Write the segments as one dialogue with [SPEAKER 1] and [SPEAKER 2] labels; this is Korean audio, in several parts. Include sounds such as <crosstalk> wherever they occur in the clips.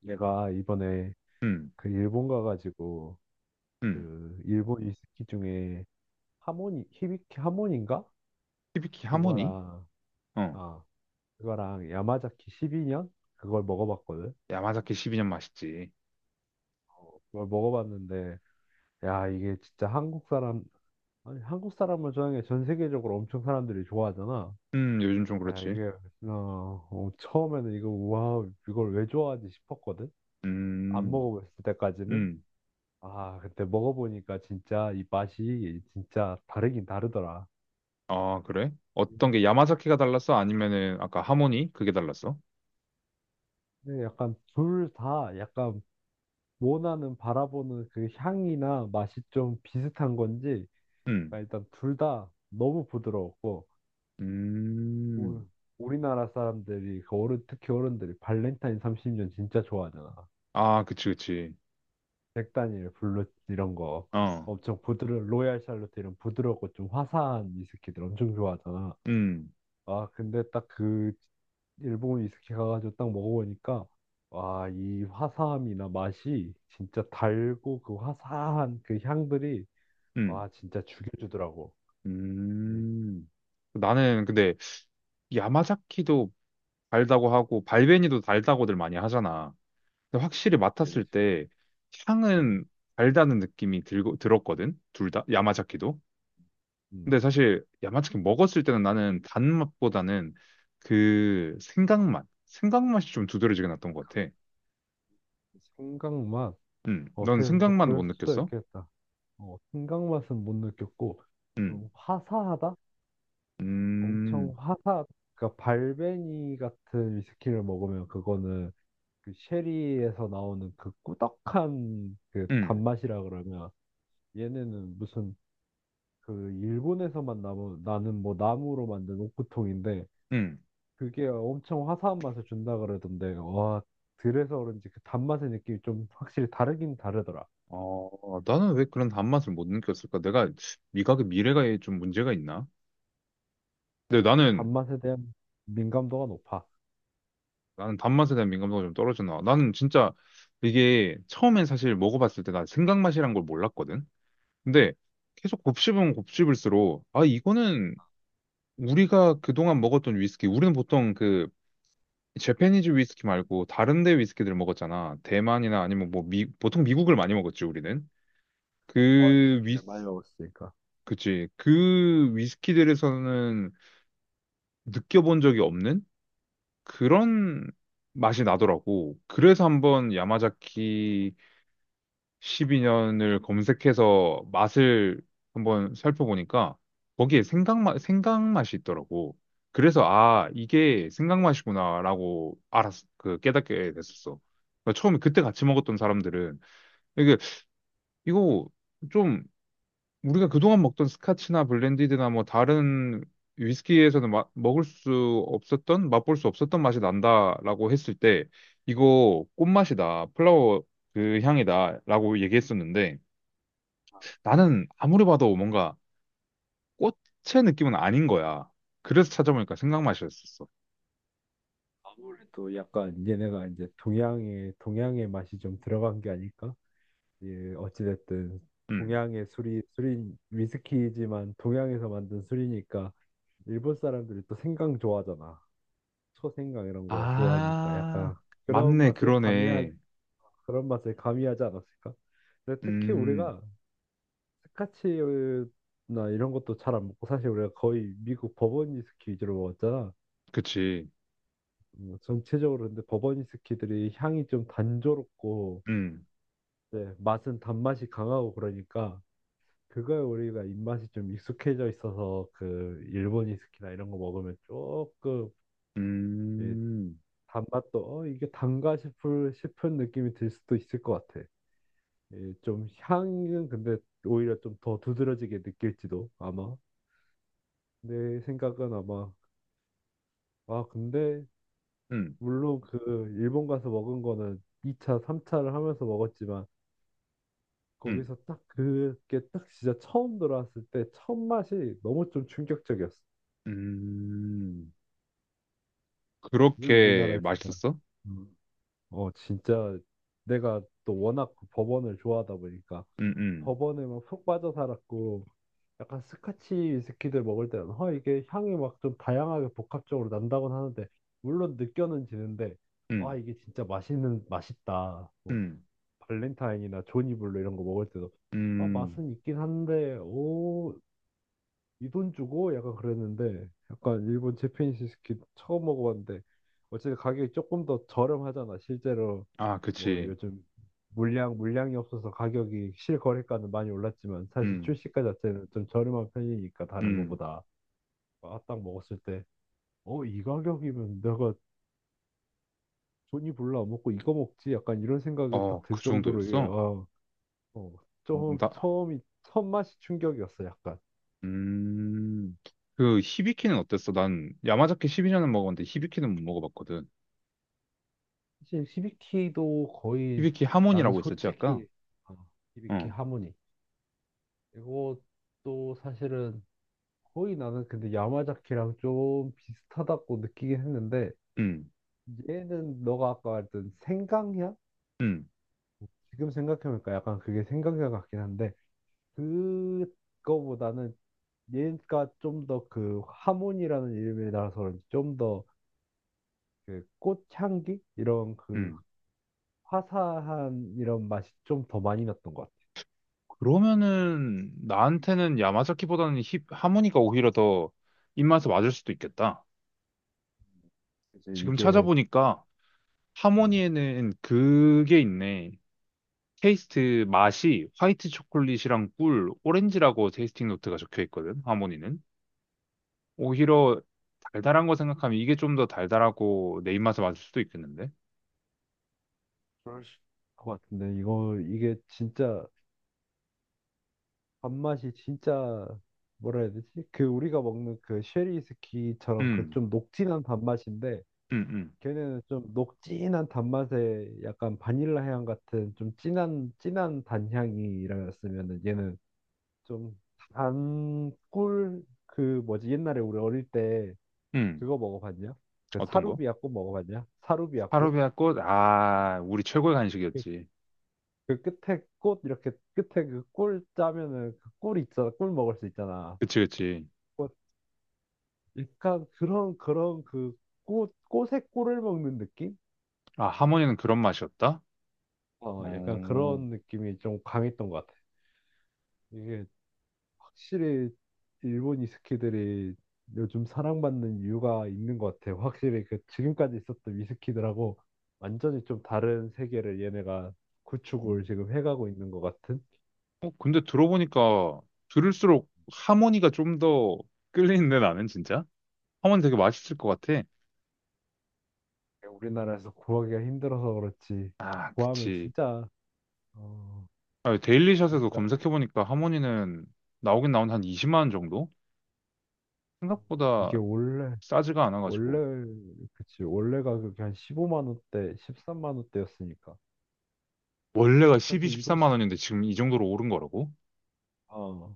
[SPEAKER 1] 내가 이번에
[SPEAKER 2] 음,
[SPEAKER 1] 그 일본 가가지고
[SPEAKER 2] 음.
[SPEAKER 1] 그 일본 위스키 중에 하모니 히비키 하모니인가
[SPEAKER 2] 히비키 하모니?
[SPEAKER 1] 그거랑
[SPEAKER 2] 어.
[SPEAKER 1] 아 그거랑 야마자키 12년 그걸 먹어봤거든.
[SPEAKER 2] 야마자키 12년 맛있지.
[SPEAKER 1] 그걸 먹어봤는데 야 이게 진짜 한국 사람 아니 한국 사람을 좋아하는 게 전 세계적으로 엄청 사람들이 좋아하잖아.
[SPEAKER 2] 요즘 좀
[SPEAKER 1] 야
[SPEAKER 2] 그렇지.
[SPEAKER 1] 이게 처음에는 이거 와 이걸 왜 좋아하지 싶었거든. 안
[SPEAKER 2] 음,
[SPEAKER 1] 먹어봤을 때까지는.
[SPEAKER 2] 음.
[SPEAKER 1] 아, 그때 먹어보니까 진짜 이 맛이 진짜 다르긴 다르더라.
[SPEAKER 2] 아, 그래? 어떤 게 야마자키가 달랐어? 아니면은 아까 하모니? 그게 달랐어?
[SPEAKER 1] 근데 약간 둘 다 약간 원하는 바라보는 그 향이나 맛이 좀 비슷한 건지
[SPEAKER 2] 음,
[SPEAKER 1] 그러니까 일단 둘 다 너무 부드러웠고 우-
[SPEAKER 2] 음.
[SPEAKER 1] 우리나라 사람들이 그 어른 특히 어른들이 발렌타인 30년 진짜 좋아하잖아.
[SPEAKER 2] 아, 그치, 그치.
[SPEAKER 1] 백단일 블루 이런 거
[SPEAKER 2] 어,
[SPEAKER 1] 엄청 부드러 로얄 샬롯 이런 부드럽고 좀 화사한 위스키들 엄청 좋아하잖아.
[SPEAKER 2] 음,
[SPEAKER 1] 아, 근데 딱 그 일본 위스키 가가지고 딱 먹어보니까 와, 이 화사함이나 맛이 진짜 달고 그 화사한 그 향들이
[SPEAKER 2] 음,
[SPEAKER 1] 와, 진짜 죽여주더라고. 이,
[SPEAKER 2] 음. 나는 근데 야마자키도 달다고 하고 발베니도 달다고들 많이 하잖아. 근데 확실히
[SPEAKER 1] 그치,
[SPEAKER 2] 맡았을
[SPEAKER 1] 그치.
[SPEAKER 2] 때
[SPEAKER 1] 음,
[SPEAKER 2] 향은 달다는 느낌이 들고 들었거든. 둘다 야마자키도.
[SPEAKER 1] 음.
[SPEAKER 2] 근데 사실 야마자키 먹었을 때는 나는 단맛보다는 그 생강맛, 생강맛이 좀 두드러지게 났던 것 같아.
[SPEAKER 1] 생강 맛.
[SPEAKER 2] 넌
[SPEAKER 1] 어떻게 보면 또
[SPEAKER 2] 생강맛 못
[SPEAKER 1] 그럴 수도
[SPEAKER 2] 느꼈어?
[SPEAKER 1] 있겠다. 어, 생강 맛은 못 느꼈고
[SPEAKER 2] 음,
[SPEAKER 1] 좀 화사하다? 엄청
[SPEAKER 2] 음,
[SPEAKER 1] 화사. 그러니까 발베니 같은 위스키를 먹으면 그거는 그 쉐리에서 나오는 그 꾸덕한 그
[SPEAKER 2] 음,
[SPEAKER 1] 단맛이라 그러면 얘네는 무슨 그 일본에서만 나무 나는 뭐 나무로 만든 옷구통인데
[SPEAKER 2] 음.
[SPEAKER 1] 그게 엄청 화사한 맛을 준다 그러던데 와 그래서 그런지 그 단맛의 느낌이 좀 확실히 다르긴 다르더라.
[SPEAKER 2] 어, 나는 왜 그런 단맛을 못 느꼈을까? 내가 미각의 미래가에 좀 문제가 있나? 근데
[SPEAKER 1] 내가 좀
[SPEAKER 2] 나는
[SPEAKER 1] 단맛에 대한 민감도가 높아.
[SPEAKER 2] 나는 단맛에 대한 민감도가 좀 떨어지나. 나는 진짜 이게 처음엔 사실 먹어봤을 때 난 생강맛이란 걸 몰랐거든. 근데 계속 곱씹으면 곱씹을수록 아 이거는 우리가 그동안 먹었던 위스키 우리는 보통 그 재패니즈 위스키 말고 다른 데 위스키들을 먹었잖아. 대만이나 아니면 뭐 보통 미국을 많이 먹었지 우리는.
[SPEAKER 1] 어이
[SPEAKER 2] 그 위,
[SPEAKER 1] 새끼를 많이 먹었으니까
[SPEAKER 2] 그치. 그 위스키들에서는 느껴본 적이 없는 그런 맛이 나더라고. 그래서 한번 야마자키 12년을 검색해서 맛을 한번 살펴보니까 거기에 생강맛, 생강맛이 있더라고. 그래서 아, 이게 생강맛이구나라고 알았, 그 깨닫게 됐었어. 그러니까 처음에 그때 같이 먹었던 사람들은 이게 이거 좀 우리가 그동안 먹던 스카치나 블렌디드나 뭐 다른 위스키에서는 먹을 수 없었던 맛볼 수 없었던 맛이 난다라고 했을 때 이거 꽃맛이다 플라워 그 향이다라고 얘기했었는데 나는 아무리 봐도 뭔가 꽃의 느낌은 아닌 거야. 그래서 찾아보니까 생강맛이었었어.
[SPEAKER 1] 아무래도 약간 얘네가 이제 동양의 맛이 좀 들어간 게 아닐까? 예, 어찌됐든
[SPEAKER 2] 음.
[SPEAKER 1] 동양의 술이 술인 위스키지만 동양에서 만든 술이니까 일본 사람들이 또 생강 좋아하잖아. 초생강 이런 거 좋아하니까
[SPEAKER 2] 아,
[SPEAKER 1] 약간 그런
[SPEAKER 2] 맞네,
[SPEAKER 1] 맛을 가미하
[SPEAKER 2] 그러네.
[SPEAKER 1] 그런 맛을 가미하지 않았을까? 근데 특히
[SPEAKER 2] 음,
[SPEAKER 1] 우리가 스카치나 이런 것도 잘 안 먹고 사실 우리가 거의 미국 버번 위스키 위주로 먹었잖아.
[SPEAKER 2] 그치.
[SPEAKER 1] 전체적으로 근데 버번 위스키들이 향이 좀 단조롭고
[SPEAKER 2] 음,
[SPEAKER 1] 네, 맛은 단맛이 강하고 그러니까 그거에 우리가 입맛이 좀 익숙해져 있어서 그 일본이스키나 이런 거 먹으면 조금 이
[SPEAKER 2] 음,
[SPEAKER 1] 단맛도 이게 단가 싶을 싶은 느낌이 들 수도 있을 것 같아. 이좀 향은 근데 오히려 좀 더 두드러지게 느낄지도 아마. 내 생각은 아마. 근데
[SPEAKER 2] 음,
[SPEAKER 1] 물론 그 일본 가서 먹은 거는 2차, 3차를 하면서 먹었지만
[SPEAKER 2] 음,
[SPEAKER 1] 거기서 딱 그게 딱 진짜 처음 들어왔을 때 첫 맛이 너무 좀 충격적이었어.
[SPEAKER 2] 음.
[SPEAKER 1] 왜
[SPEAKER 2] 그렇게
[SPEAKER 1] 우리나라에서는
[SPEAKER 2] 맛있었어?
[SPEAKER 1] 음. 진짜 내가 또 워낙 그 버번을 좋아하다 보니까
[SPEAKER 2] 음, 음,
[SPEAKER 1] 버번에 막 푹 빠져 살았고 약간 스카치 위스키들 먹을 때는 이게 향이 막 좀 다양하게 복합적으로 난다곤 하는데 물론 느껴는 지는데 와
[SPEAKER 2] 음,
[SPEAKER 1] 이게 진짜 맛있는 맛있다. 뭐
[SPEAKER 2] 음,
[SPEAKER 1] 발렌타인이나 조니블루 이런 거 먹을 때도 아
[SPEAKER 2] 음.
[SPEAKER 1] 맛은 있긴 한데 오 이 돈 주고 약간 그랬는데 약간 일본 제페니스 스키 처음 먹어봤는데 어쨌든 가격이 조금 더 저렴하잖아. 실제로
[SPEAKER 2] 아,
[SPEAKER 1] 뭐
[SPEAKER 2] 그치.
[SPEAKER 1] 요즘 물량이 없어서 가격이 실거래가는 많이 올랐지만 사실
[SPEAKER 2] 음,
[SPEAKER 1] 출시가 자체는 좀 저렴한 편이니까 다른
[SPEAKER 2] 음.
[SPEAKER 1] 거보다 아, 딱 먹었을 때 이 가격이면 내가 돈이 별로 안 먹고 이거 먹지 약간 이런 생각이 딱
[SPEAKER 2] 어,
[SPEAKER 1] 들
[SPEAKER 2] 그
[SPEAKER 1] 정도로 이게,
[SPEAKER 2] 정도였어?
[SPEAKER 1] 아, 어,
[SPEAKER 2] 어,
[SPEAKER 1] 좀 처음이 첫 맛이 충격이었어 약간.
[SPEAKER 2] 음, 그 히비키는 어땠어? 난 야마자키 12년은 먹어봤는데 히비키는 못 먹어봤거든.
[SPEAKER 1] 사실 시비키도 거의.
[SPEAKER 2] 히비키
[SPEAKER 1] 나는
[SPEAKER 2] 하몬이라고 있었지 아까?
[SPEAKER 1] 솔직히 어, 1키
[SPEAKER 2] 어,
[SPEAKER 1] 하모니 이것도 사실은 거의 나는 근데 야마자키랑 좀 비슷하다고 느끼긴 했는데
[SPEAKER 2] 음,
[SPEAKER 1] 얘는 너가 아까 말했던 생강향?
[SPEAKER 2] 음,
[SPEAKER 1] 지금 생각해보니까 약간 그게 생강향 같긴 한데 그거보다는 얘가 좀 더 그 하모니라는 이름이라서 좀더 그 꽃향기 이런 그
[SPEAKER 2] 음.
[SPEAKER 1] 화사한 이런 맛이 좀 더 많이 났던 것 같아.
[SPEAKER 2] 그러면은 나한테는 야마자키보다는 하모니가 오히려 더 입맛에 맞을 수도 있겠다.
[SPEAKER 1] 이제
[SPEAKER 2] 지금
[SPEAKER 1] 이게.
[SPEAKER 2] 찾아보니까
[SPEAKER 1] 음,
[SPEAKER 2] 하모니에는 그게 있네. 테이스트 맛이 화이트 초콜릿이랑 꿀, 오렌지라고 테이스팅 노트가 적혀 있거든. 하모니는. 오히려 달달한 거 생각하면 이게 좀 더 달달하고 내 입맛에 맞을 수도 있겠는데?
[SPEAKER 1] 그러실 것 같은데 이거 이게 진짜 밥맛이 진짜 뭐라 해야 되지? 그 우리가 먹는 그 쉐리 스키처럼 그
[SPEAKER 2] 음,
[SPEAKER 1] 좀 녹진한 밥맛인데
[SPEAKER 2] 음, 음,
[SPEAKER 1] 걔네는 좀 녹진한 단맛에 약간 바닐라 향 같은 좀 진한 진한 단향이라면은 얘는 좀 단 꿀 그 뭐지 옛날에 우리 어릴 때
[SPEAKER 2] 음.
[SPEAKER 1] 그거 먹어봤냐? 그
[SPEAKER 2] 어떤 거?
[SPEAKER 1] 사루비아 꽃 먹어봤냐? 사루비아 꽃?
[SPEAKER 2] 파르베아 꽃? 아, 우리 최고의
[SPEAKER 1] 그
[SPEAKER 2] 간식이었지.
[SPEAKER 1] 그 끝에 꽃 이렇게 끝에 그 꿀 짜면은 그 꿀이 있잖아. 꿀 먹을 수 있잖아.
[SPEAKER 2] 그치, 그치.
[SPEAKER 1] 꽃 약간 그런 그 꽃의 꿀을 먹는 느낌?
[SPEAKER 2] 아, 하모니는 그런 맛이었다?
[SPEAKER 1] 어, 약간
[SPEAKER 2] 어,
[SPEAKER 1] 그런 느낌이 좀 강했던 것 같아. 이게 확실히 일본 위스키들이 요즘 사랑받는 이유가 있는 것 같아. 확실히 그 지금까지 있었던 위스키들하고 완전히 좀 다른 세계를 얘네가 구축을
[SPEAKER 2] 음.
[SPEAKER 1] 지금 해가고 있는 것 같은.
[SPEAKER 2] 어, 근데 들어보니까 들을수록 하모니가 좀 더 끌리는데 나는 진짜? 하모니 되게 맛있을 것 같아.
[SPEAKER 1] 우리나라에서 구하기가 힘들어서 그렇지.
[SPEAKER 2] 아,
[SPEAKER 1] 구하면
[SPEAKER 2] 그치.
[SPEAKER 1] 진짜 어,
[SPEAKER 2] 아, 데일리샷에서
[SPEAKER 1] 진짜
[SPEAKER 2] 검색해보니까 하모니는 나오긴 나온 한 20만 원 정도? 생각보다
[SPEAKER 1] 이게 원래
[SPEAKER 2] 싸지가 않아가지고.
[SPEAKER 1] 원래 그치, 원래 가격이 한 15만 원대, 13만 원대였으니까
[SPEAKER 2] 원래가 12,
[SPEAKER 1] 사실
[SPEAKER 2] 13만
[SPEAKER 1] 이것이
[SPEAKER 2] 원인데 지금 이 정도로 오른 거라고?
[SPEAKER 1] 어,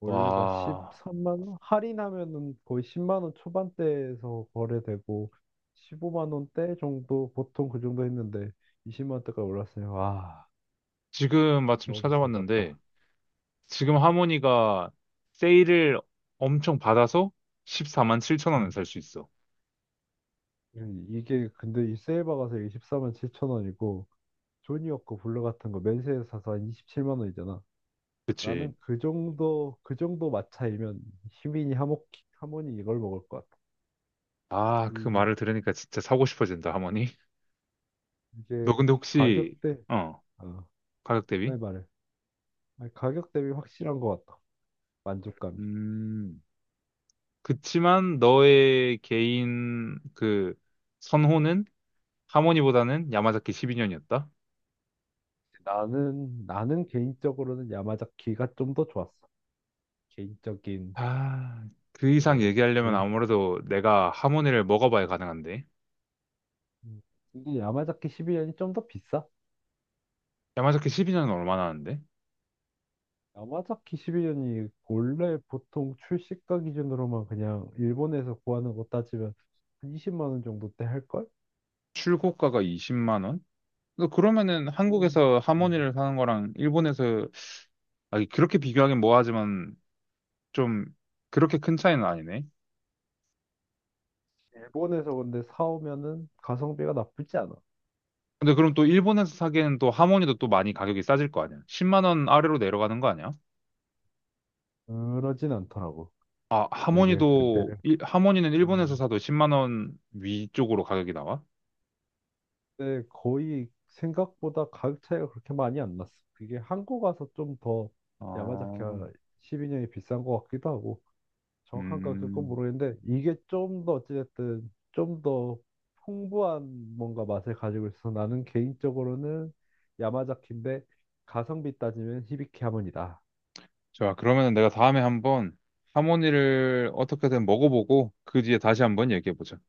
[SPEAKER 1] 원래가
[SPEAKER 2] 와,
[SPEAKER 1] 13만 원 할인하면은 거의 10만 원 초반대에서 거래되고 15만 원대 정도 보통 그 정도 했는데 20만 원대까지 올랐어요. 와,
[SPEAKER 2] 지금 마침
[SPEAKER 1] 너무
[SPEAKER 2] 찾아봤는데
[SPEAKER 1] 비싸졌다. 아,
[SPEAKER 2] 지금 하모니가 세일을 엄청 받아서 14만 7천 원에
[SPEAKER 1] 음.
[SPEAKER 2] 살 수 있어.
[SPEAKER 1] 이게 근데 이 세일바 가서 십4만 7천 원이고 조니워거 블루 같은 거 맨세에서 사서 한 27만 원이잖아. 나는
[SPEAKER 2] 그치?
[SPEAKER 1] 그 정도, 그 정도 마차이면 희민이 하모니 이걸 먹을 것 같아.
[SPEAKER 2] 아, 그
[SPEAKER 1] 이,
[SPEAKER 2] 말을 들으니까 진짜 사고 싶어진다, 하모니. <laughs> 너
[SPEAKER 1] 이게
[SPEAKER 2] 근데 혹시,
[SPEAKER 1] 가격대,
[SPEAKER 2] 어,
[SPEAKER 1] 어,
[SPEAKER 2] 가격
[SPEAKER 1] 네,
[SPEAKER 2] 대비?
[SPEAKER 1] 말해. 아니, 가격 대비 확실한 것 같아. 만족감이.
[SPEAKER 2] 음, 그치만 너의 개인 그 선호는 하모니보다는 야마자키 12년이었다?
[SPEAKER 1] 나는 개인적으로는 야마자키가 좀 더 좋았어. 개인적인,
[SPEAKER 2] 아, 그 이상
[SPEAKER 1] 그,
[SPEAKER 2] 얘기하려면
[SPEAKER 1] 개인.
[SPEAKER 2] 아무래도 내가 하모니를 먹어봐야 가능한데.
[SPEAKER 1] 음. 근데 야마자키 1이년이 좀 더 비싸?
[SPEAKER 2] 야마자키 12년은 얼마나 하는데?
[SPEAKER 1] 야마자키 1이년이 원래 보통 출시가 기준으로만 그냥 일본에서 구하는 거 따지면 한 20만 원 정도 때 할걸?
[SPEAKER 2] 출고가가 20만 원? 너 그러면은
[SPEAKER 1] 음.
[SPEAKER 2] 한국에서
[SPEAKER 1] 음.
[SPEAKER 2] 하모니를 사는 거랑 일본에서 아, 그렇게 비교하긴 뭐하지만 좀 그렇게 큰 차이는 아니네.
[SPEAKER 1] 일본에서 근데 사오면은 가성비가 나쁘지 않아.
[SPEAKER 2] 근데 그럼 또 일본에서 사기에는 또 하모니도 또 많이 가격이 싸질 거 아니야? 10만 원 아래로 내려가는 거 아니야?
[SPEAKER 1] 그러진 않더라고.
[SPEAKER 2] 아,
[SPEAKER 1] 이게 그때
[SPEAKER 2] 하모니도 하모니는
[SPEAKER 1] 어,
[SPEAKER 2] 일본에서 사도 10만 원 위쪽으로 가격이 나와?
[SPEAKER 1] 근데 거의 생각보다 가격 차이가 그렇게 많이 안 났어. 그게 한국 와서 좀 더
[SPEAKER 2] 아,
[SPEAKER 1] 야마자키가 12년이 비싼 것 같기도 하고 정확한 가격은
[SPEAKER 2] 음.
[SPEAKER 1] 모르겠는데 이게 좀 더 어찌됐든 좀 더 풍부한 뭔가 맛을 가지고 있어서 나는 개인적으로는 야마자키인데 가성비 따지면 히비키 하모니다.
[SPEAKER 2] 좋아 그러면 내가 다음에 한번 하모니를 어떻게든 먹어보고 그 뒤에 다시 한번 얘기해보자.